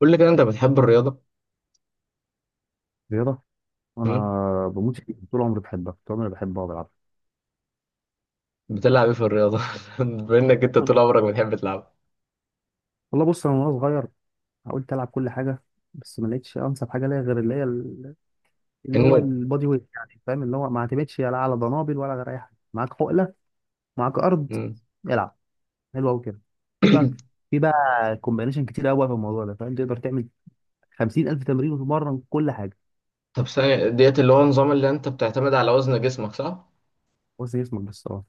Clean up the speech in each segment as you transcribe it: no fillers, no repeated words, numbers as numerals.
قول لي كده انت بتحب الرياضه رياضة. مم؟ أنا بموت فيها طول عمري بحبها، طول عمري بحبها وبلعبها. بتلعب ايه في الرياضه؟ بما انك انت طول عمرك بتحب تلعب والله بص أنا وأنا صغير حاولت ألعب كل حاجة، بس ما لقيتش أنسب حاجة ليا غير اللي هو النوم. البادي ويت، يعني فاهم اللي هو ما اعتمدش لا على ضنابل ولا غير أي حاجة. معاك حقلة، معاك أرض، مم. العب. حلو أوي كده. في بقى في بقى كومبينيشن كتير أوي في الموضوع ده، فاهم، تقدر تعمل 50,000 تمرين وتتمرن كل حاجة. طب ثانية ديت اللي هو النظام اللي انت بتعتمد على وزن جسمك، صح؟ بس جسمك بس، أه.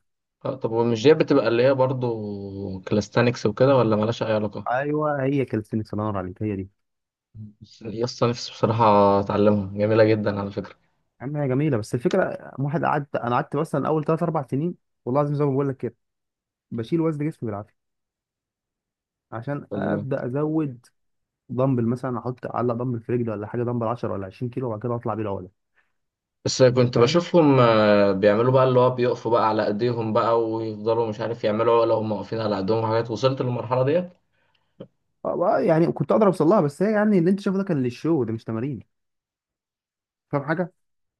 اه طب ومش ديت بتبقى اللي هي برضو كلاستانكس وكده، ولا مالهاش اي علاقة؟ أيوه هي كالستنكس، الله ينور عليك، هي دي. بس يا اسطى نفسي بصراحة اتعلمها، جميلة جدا على فكرة. عم هي جميله، بس الفكره واحد قعدت، انا قعدت مثلا اول 3 4 سنين، والله العظيم زي ما بقول لك كده، بشيل وزن جسمي بالعافيه عشان والله ابدا ازود. دمبل مثلا، احط اعلق دمبل في رجلي ولا حاجه، دمبل 10 ولا 20 كيلو، وبعد كده اطلع بيه العقله. بس كنت فاهم. بشوفهم آه، بيعملوا بقى اللي هو بيقفوا بقى على ايديهم بقى ويفضلوا مش عارف يعملوا عقلة وهم واقفين على ايديهم وحاجات، وصلت للمرحلة ديت؟ يعني كنت اقدر اوصل لها، بس هي يعني اللي انت شايفه ده كان للشو، ده مش تمارين. فاهم حاجه،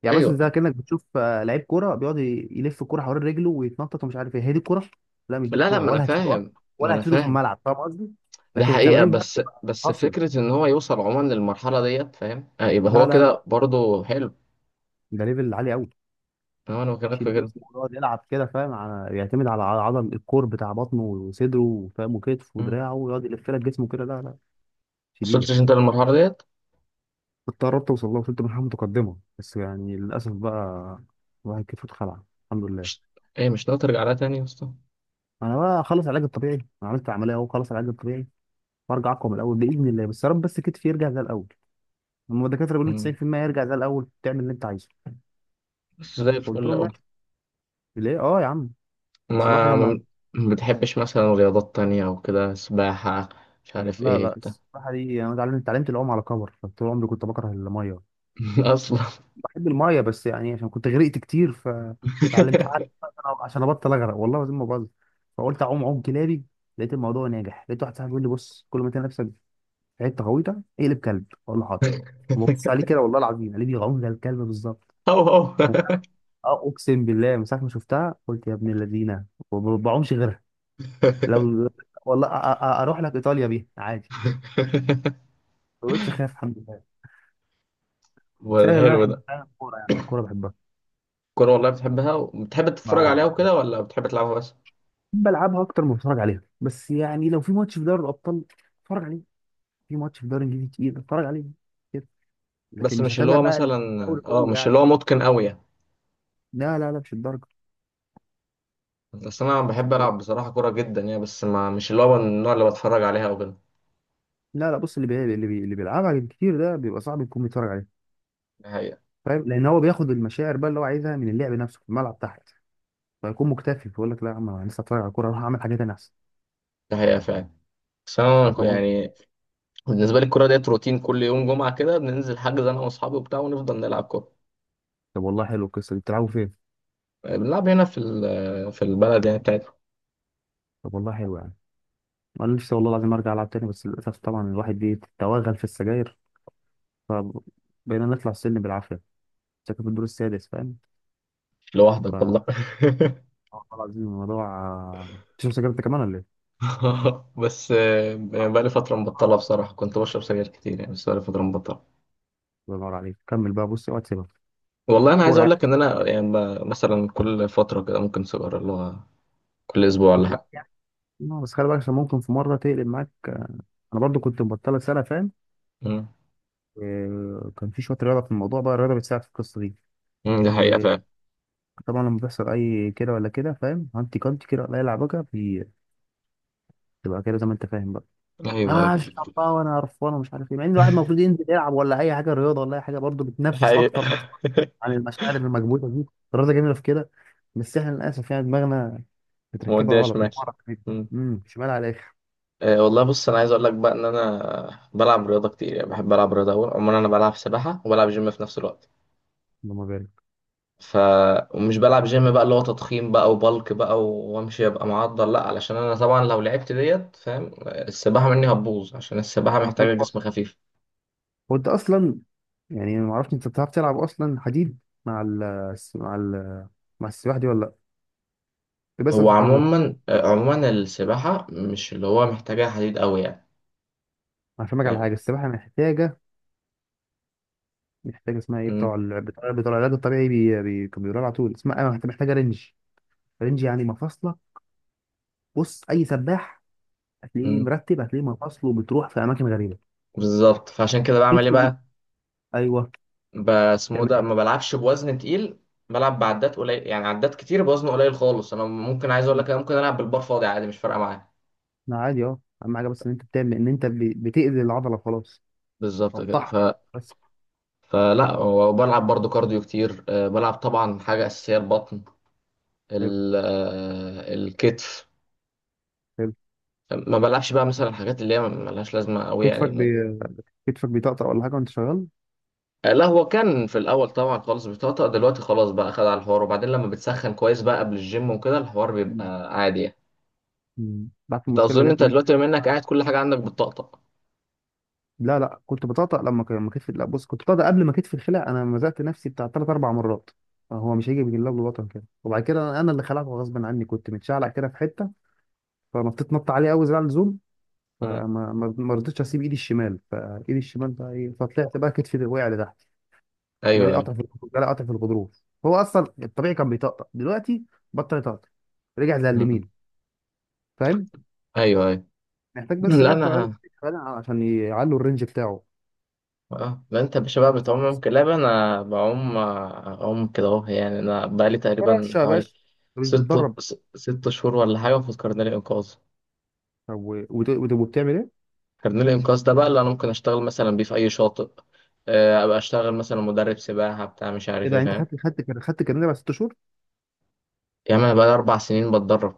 يعني مثلا زي ايوه. كانك بتشوف لعيب كوره بيقعد يلف الكوره حوالين رجله ويتنطط، ومش عارف ايه هي دي الكوره. لا مش دي لا الكوره، ما انا ولا هتفيده اصلا، فاهم، ما ولا انا هتفيده في فاهم. الملعب، فاهم قصدي. ده لكن حقيقة، التمارين بقى بس بتبقى بس قاسيه. فكرة إن هو يوصل عموما للمرحلة ديت فاهم آه، يبقى لا هو لا لا، كده برضه حلو. ده ليفل عالي قوي، أنا بكلمك يشيل في كده. جسمه ويقعد يلعب كده، فاهم، على يعتمد على عضل الكور بتاع بطنه وصدره، وفاهم، وكتف مم. ودراعه، ويقعد يلف لك جسمه كده. لا لا، شديدة. وصلتش أنت للمرحلة ديت؟ كنت قربت أوصل لها، وصلت مرحلة متقدمة، بس يعني للأسف بقى الواحد كتفه اتخلع، الحمد لله. مش، إيه مش ناوي ترجع لها تاني يا اسطى؟ أنا بقى أخلص العلاج الطبيعي، أنا عملت عملية أهو، خلص العلاج الطبيعي وأرجع أقوى من الأول بإذن الله، بس يا رب بس كتفي يرجع زي الأول. هما الدكاترة بيقولوا لي مم. 90% يرجع زي الأول، تعمل اللي أنت عايزه. بس زي قلت الفل لهم أوي. ماشي. ليه؟ أه يا عم. بس الواحد ما لما. ما ما بتحبش مثلا رياضات تانية أو كده، سباحة، مش عارف لا إيه لا، بتاع. الصراحة دي أنا اتعلمت العوم على كبر، فطول عمري كنت بكره المية. أصلا. بحب المايه، بس يعني عشان كنت غرقت كتير فتعلمت، قعدت فترة عشان ابطل اغرق، والله العظيم ما بهزر. فقلت اعوم عوم كلابي، لقيت الموضوع ناجح، لقيت واحد صاحبي بيقول لي بص، كل ما تلاقي نفسك في حته غويطه اقلب كلب. اقول له حاضر، ببص عليه كده، والله العظيم قال لي بيعوم زي الكلب بالظبط. أو أو. اه اقسم بالله، من ساعه ما شفتها قلت يا ابن الذين ما بعومش غيرها. لو والله، اروح لك ايطاليا بيها عادي. ما بقتش اخاف، الحمد لله. بس ولا أنا اللي انا حلو ده. بحبها فعلا الكوره، يعني الكوره بحبها. كورة والله بتحبها وبتحب اه تتفرج عليها والله، وكده، ولا بتحب تلعبها بس؟ بلعبها اكتر ما بتفرج عليها. بس يعني لو في ماتش في دوري الابطال اتفرج عليه، في ماتش في دوري انجليزي تقيل اتفرج عليه كده، لكن بس مش مش اللي هتابع هو بقى مثلا الدوري اه، كله مش يعني. اللي هو متقن قوي يعني. لا لا لا، مش الدرجه، بس انا مش بحب الدرجه. العب بصراحه كوره جدا يعني، بس ما مش اللي هو من النوع اللي بتفرج عليها او كده. لا لا، بص اللي بيلعبها كتير ده بيبقى صعب يكون بيتفرج عليه، ده حقيقه، فاهم، لان هو بياخد المشاعر بقى اللي هو عايزها من اللعب نفسه في الملعب تحت، فيكون مكتفي، فيقول لك لا يا عم انا لسه اتفرج على الكوره، اروح اعمل حاجات تانية احسن. ده حقيقه فعلا. بس انا فاهم قصدي؟ يعني بالنسبه لي الكوره ديت روتين، كل يوم جمعه كده بننزل حجز انا واصحابي وبتاع ونفضل نلعب كوره. طب والله حلو القصه دي، بتلعبوا فين؟ بنلعب هنا في في البلد يعني بتاعتنا. طب والله حلو يعني. انا نفسي والله العظيم ارجع العب تاني، بس للاسف طبعا الواحد بيتوغل في السجاير، فبقينا نطلع السلم بالعافية. ساكن في الدور السادس، فاهم. ف لوحدك والله؟ والله العظيم الموضوع. تشرب سجاير انت كمان ولا ايه؟ بس آه، آه. بقالي فتره مبطله بصراحه، كنت بشرب سجاير كتير يعني، بس بقالي فتره مبطله. الله ينور عليك كمل بقى، بص اوعى تسيبها. والله انا عايز كورة اقول يعني. لك ان انا يعني مثلا كل فتره كده ممكن سيجاره اللي هو كل اسبوع ولا فاكر؟ حاجه. يعني. بس خلي بالك عشان ممكن في مرة تقلب معاك. انا برضو كنت مبطلة سنة فاهم مم. آه، كان في شوية رياضة في الموضوع، بقى الرياضة بتساعد في القصة دي. مم، دي حقيقه وطبعا فعلا. لما بيحصل اي كده ولا كده، فاهم، هانتي كانتي كده، ولا اي لعبكة بتبقى كده زي ما انت فاهم بقى. ايوه ايوه. اه الشعب بقى، وانا قرفان ومش عارف ايه، مع ان الواحد المفروض ينزل يلعب ولا اي حاجه رياضه، ولا اي حاجه برضه بتنفس حقيقه. اكتر اصلا عن المشاعر المكبوته دي. الرياضه جميله في كده، بس احنا للاسف يعني دماغنا متركبه موديها غلط شمال. من ورا كده. مم. شمال على الاخر. أه والله بص انا عايز اقول لك بقى ان انا بلعب رياضه كتير يعني، بحب العب رياضه قوي عموما. انا بلعب سباحه وبلعب جيم في نفس الوقت. اللهم بارك. ف ومش بلعب جيم بقى اللي هو تضخيم بقى وبلك بقى وامشي ابقى معضل، لا علشان انا طبعا لو لعبت ديت فاهم آه، السباحه مني هتبوظ عشان السباحه هبوط محتاجه خالص. جسم خفيف. هو انت اصلا، يعني ما اعرفش انت بتعرف تلعب اصلا حديد مع ال مع مع السباحه دي ولا؟ لا، بس هو في الحوار ده عموما آه، عموما السباحه مش اللي هو محتاجه حديد قوي يعني. هفهمك على فاهم. حاجه. السباحه محتاجه، محتاجه اسمها ايه، بتوع ال- بتوع بتوع العلاج الطبيعي كانوا بيقولوا لها على طول اسمها، محتاجه رنج، رينج، يعني مفاصله. بص اي سباح هتلاقيه مم. مرتب، هتلاقيه مفاصله بتروح في اماكن غريبه. بالظبط، فعشان كده بعمل ايه كتفه بي- بقى، ايوه. بسمو تعمل ده إيه؟ ما بلعبش بوزن تقيل. بلعب بعدات قليل، يعني عدات كتير بوزن قليل خالص. انا ممكن عايز اقول لك انا ممكن العب بالبار فاضي عادي، مش فارقه معايا. لا عادي، اه، اهم حاجه بس ان انت بتعمل ان انت بتاذي العضله خلاص، بالظبط كده ف... قطعها بس. فلا، وبلعب برضو كارديو كتير أه، بلعب طبعا حاجه اساسيه البطن، حلو ال... أه، الكتف. حلو. ما بلعبش بقى مثلا الحاجات اللي هي ملهاش لازمه قوي يعني كتفك بي... كتفك بيطقطق ولا حاجه وانت شغال؟ أه، لا هو كان في الاول طبعا خالص بيطقطق، دلوقتي خلاص بقى خد على الحوار، وبعدين لما بتسخن كويس بقى قبل الجيم وكده الحوار مم. بيبقى عادي يعني. مم. بعد انت المشكله اظن اللي جات انت لي دي. دلوقتي بما انك قاعد كل حاجه عندك بتطقطق. لا لا، كنت بطقطق لما كتفي، لا بص، كنت بطقطق قبل ما كتفي الخلع، انا مزقت نفسي بتاع ثلاث اربع مرات، هو مش هيجي بالله بالوطن كده. وبعد كده انا اللي خلعته غصب عني، كنت متشعلق كده في حته فنطيت نط عليه قوي زي على اللزوم، مم. فما ما ما رضيتش اسيب ايدي الشمال، فايدي الشمال بقى ايه، فطلعت بقى كتفي وقع لتحت. ايوه جالي ايوه. قطع في جالي قطع في الغضروف. هو اصلا الطبيعي كان بيطقطق، دلوقتي بطل يطقطق، رجع زي مم. اليمين، فاهم. ايوه ايوه. محتاج مم. بس لا بقى بتوع العلاج انا، الطبيعي عشان يعلوا الرينج بتاعه. اه لا انت يا باشا بقى صعب بتعوم الصراحة. كلاب، انا بعوم آه، اعوم كده اهو يعني. انا بقالي تقريبا فرش يا حوالي باشا، انت مش ست بتتدرب. ست شهور ولا حاجه في كارنيه الانقاذ. طب وبتعمل ايه؟ كارنيه الانقاذ ده بقى اللي انا ممكن اشتغل مثلا بيه في اي شاطئ آه، ابقى اشتغل مثلا مدرب سباحه بتاع مش ايه عارف ايه ده انت فاهم. خدت الكارنيه بعد ست شهور؟ يا عم انا بقالي اربع سنين بتدرب.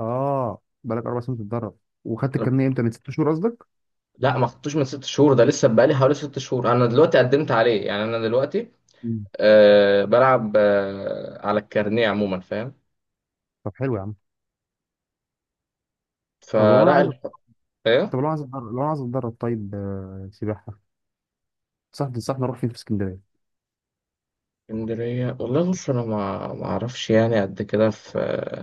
اه بقالك اربع سنين بتتدرب، وخدت أنا- الكارنيه امتى، من ست شهور قصدك؟ لا ما خدتوش من ست شهور، ده لسه بقالي حوالي ست شهور انا دلوقتي قدمت عليه يعني انا دلوقتي مم. أه بلعب أه على الكارنيه عموما فاهم. طب حلو يا عم. طب لو انا فلا عايز الح... طب ايه؟ لو عايز اتدرب لو عايز اتدرب طيب، سباحه، صح. تنصحني اروح فين في اسكندريه؟ اسكندرية والله بص انا ما اعرفش يعني قد كده، في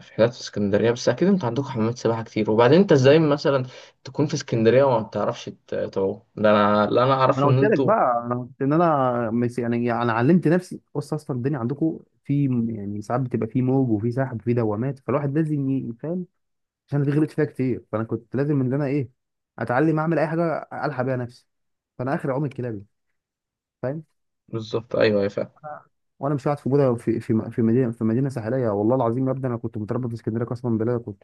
في حتت في اسكندرية، بس اكيد انت عندك حمامات سباحة كتير. وبعدين انت ازاي مثلا تكون في اسكندرية وما بتعرفش تعوم؟ ده انا اللي انا ما انا اعرفه ان قلت لك انتوا، بقى، انا قلت ان انا يعني انا علمت نفسي. بص اصلا الدنيا عندكم في يعني ساعات بتبقى في موج وفي سحب وفي دوامات، فالواحد لازم يفهم، عشان أنا دي غلطت فيها كتير، فانا كنت لازم ان انا ايه، اتعلم اعمل اي حاجه الحق بيها نفسي، فانا اخر عوم الكلابي، فاهم. بالظبط ايوه يا فاهم. أنا- وانا مش قاعد في بودا، في مدينه ساحليه، والله العظيم يا ابني انا كنت متربى في اسكندريه قسما بالله، كنت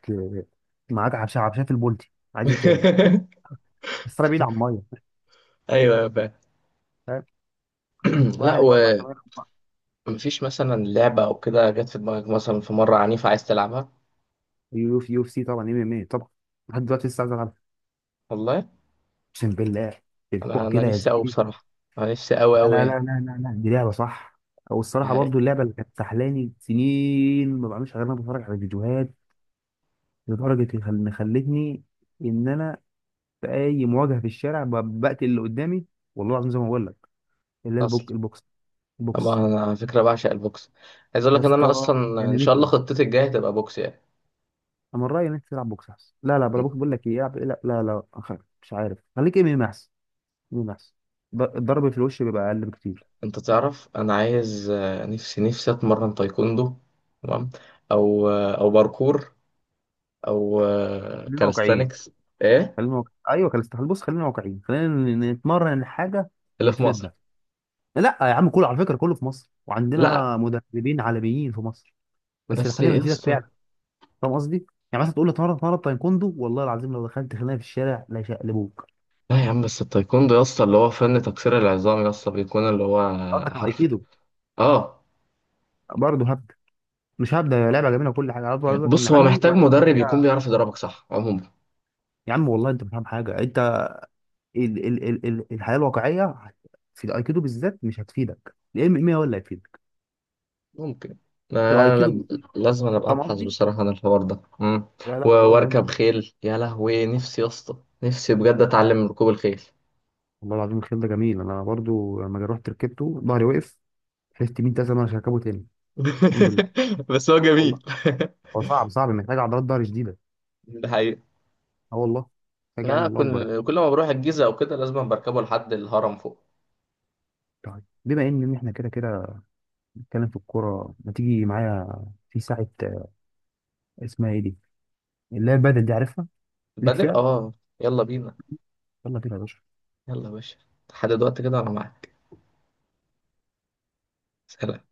معاك عبشه، عبشه في البولتي، عايز إيه تاني؟ بس انا بعيد عن الميه، ايوه يا فاهم. فاهم. لا، واهلي بقى بطل منهم بقى. ومفيش مثلا لعبة او كده جت في دماغك مثلا في مرة عنيفة عايز تلعبها؟ كمان يو اف، يو اف سي طبعا، ام ام اي طبعا، لحد دلوقتي لسه عايز العب، والله اقسم بالله. الكوع انا كده يا نفسي قوي زميلي. بصراحة، انا نفسي قوي لا قوي لا لا يعني. لا لا لا، دي لعبه صح، والصراحه ده برضو اللعبه اللي كانت سحلاني سنين، ما بعملش غير إن انا بتفرج على فيديوهات، لدرجه ان إن خلتني ان انا في اي مواجهه في الشارع بقتل اللي قدامي، والله العظيم زي ما بقول لك. اللي هي حقيقة. طبعا البوكس. انا على فكره بعشق البوكس، عايز اقول يا لك ان انا اسطى اصلا ان شاء الله جننتني، خطتي الجايه تبقى بوكس يعني. انا من رايي ان انت تلعب بوكس احسن. لا لا بلا بوكس، بقول لك ايه، العب لا لا, لا. مش عارف خليك ام ام احسن. مين احسن؟ الضرب في الوش بيبقى اقل بكتير. انت تعرف انا عايز آه، نفسي نفسي اتمرن تايكوندو، تمام، او آه، او باركور، او آه، خلينا واقعيين، كاليستانكس. ايه ايوه كان استحال، بص خلينا واقعيين، خلينا نتمرن حاجه اللي اللي في تفيدنا. مصر؟ لا يا عم كله على فكره، كله في مصر، لا وعندنا مدربين عالميين في مصر، بس بس الحاجه اللي يا تفيدك اسطى، فعلا، فاهم قصدي؟ يعني مثلا تقول لي اتمرن، اتمرن تايكوندو، والله العظيم لو دخلت خناقه في الشارع لا يشقلبوك. لا يا عم بس التايكوندو يا اسطى اللي هو فن تكسير العظام، يا اسطى بيكون اللي هو قصدك على حرف. ايكيدو. اه برضه هبدا، مش هبدا، هي لعبه جميله وكل حاجه، عايز اقول لك ان بص هو عمي محتاج واخد مدرب يكون فيها. بيعرف يضربك صح عموما. يا عم والله انت مش فاهم حاجه انت، ال الحياه الواقعيه في الايكيدو بالذات مش هتفيدك، الام ام هو اللي هيفيدك، ممكن انا في أنا الايكيدو لم- بالذات، لازم أنا ابقى فاهم ابحث قصدي؟ بصراحه عن الحوار ده. مم. لا لا والله مهم. واركب خيل يا لهوي، نفسي يا اسطى نفسي بجد اه. اتعلم ركوب الخيل. والله العظيم الخيل ده جميل، انا برضو لما رحت ركبته ظهري وقف، حلفت 100 سنه مش هركبه تاني. الحمد لله، بس هو والله. جميل. هو صعب صعب، محتاج عضلات ظهر شديده. ده حقيقي. اه والله، محتاج يعني، لا، الله اكبر يعني. كل كل ما بروح الجيزه او كده لازم بركبه لحد الهرم فوق. طيب بما ان احنا كده كده بنتكلم في الكوره، ما تيجي معايا في ساعه، اسمها ايه دي، اللي هي البدل دي، عارفها؟ ليك بدل، فيها. اه. يلا بينا. يلا بينا يا باشا. يلا يا باشا. لحد دلوقتي كده انا معاك. سلام.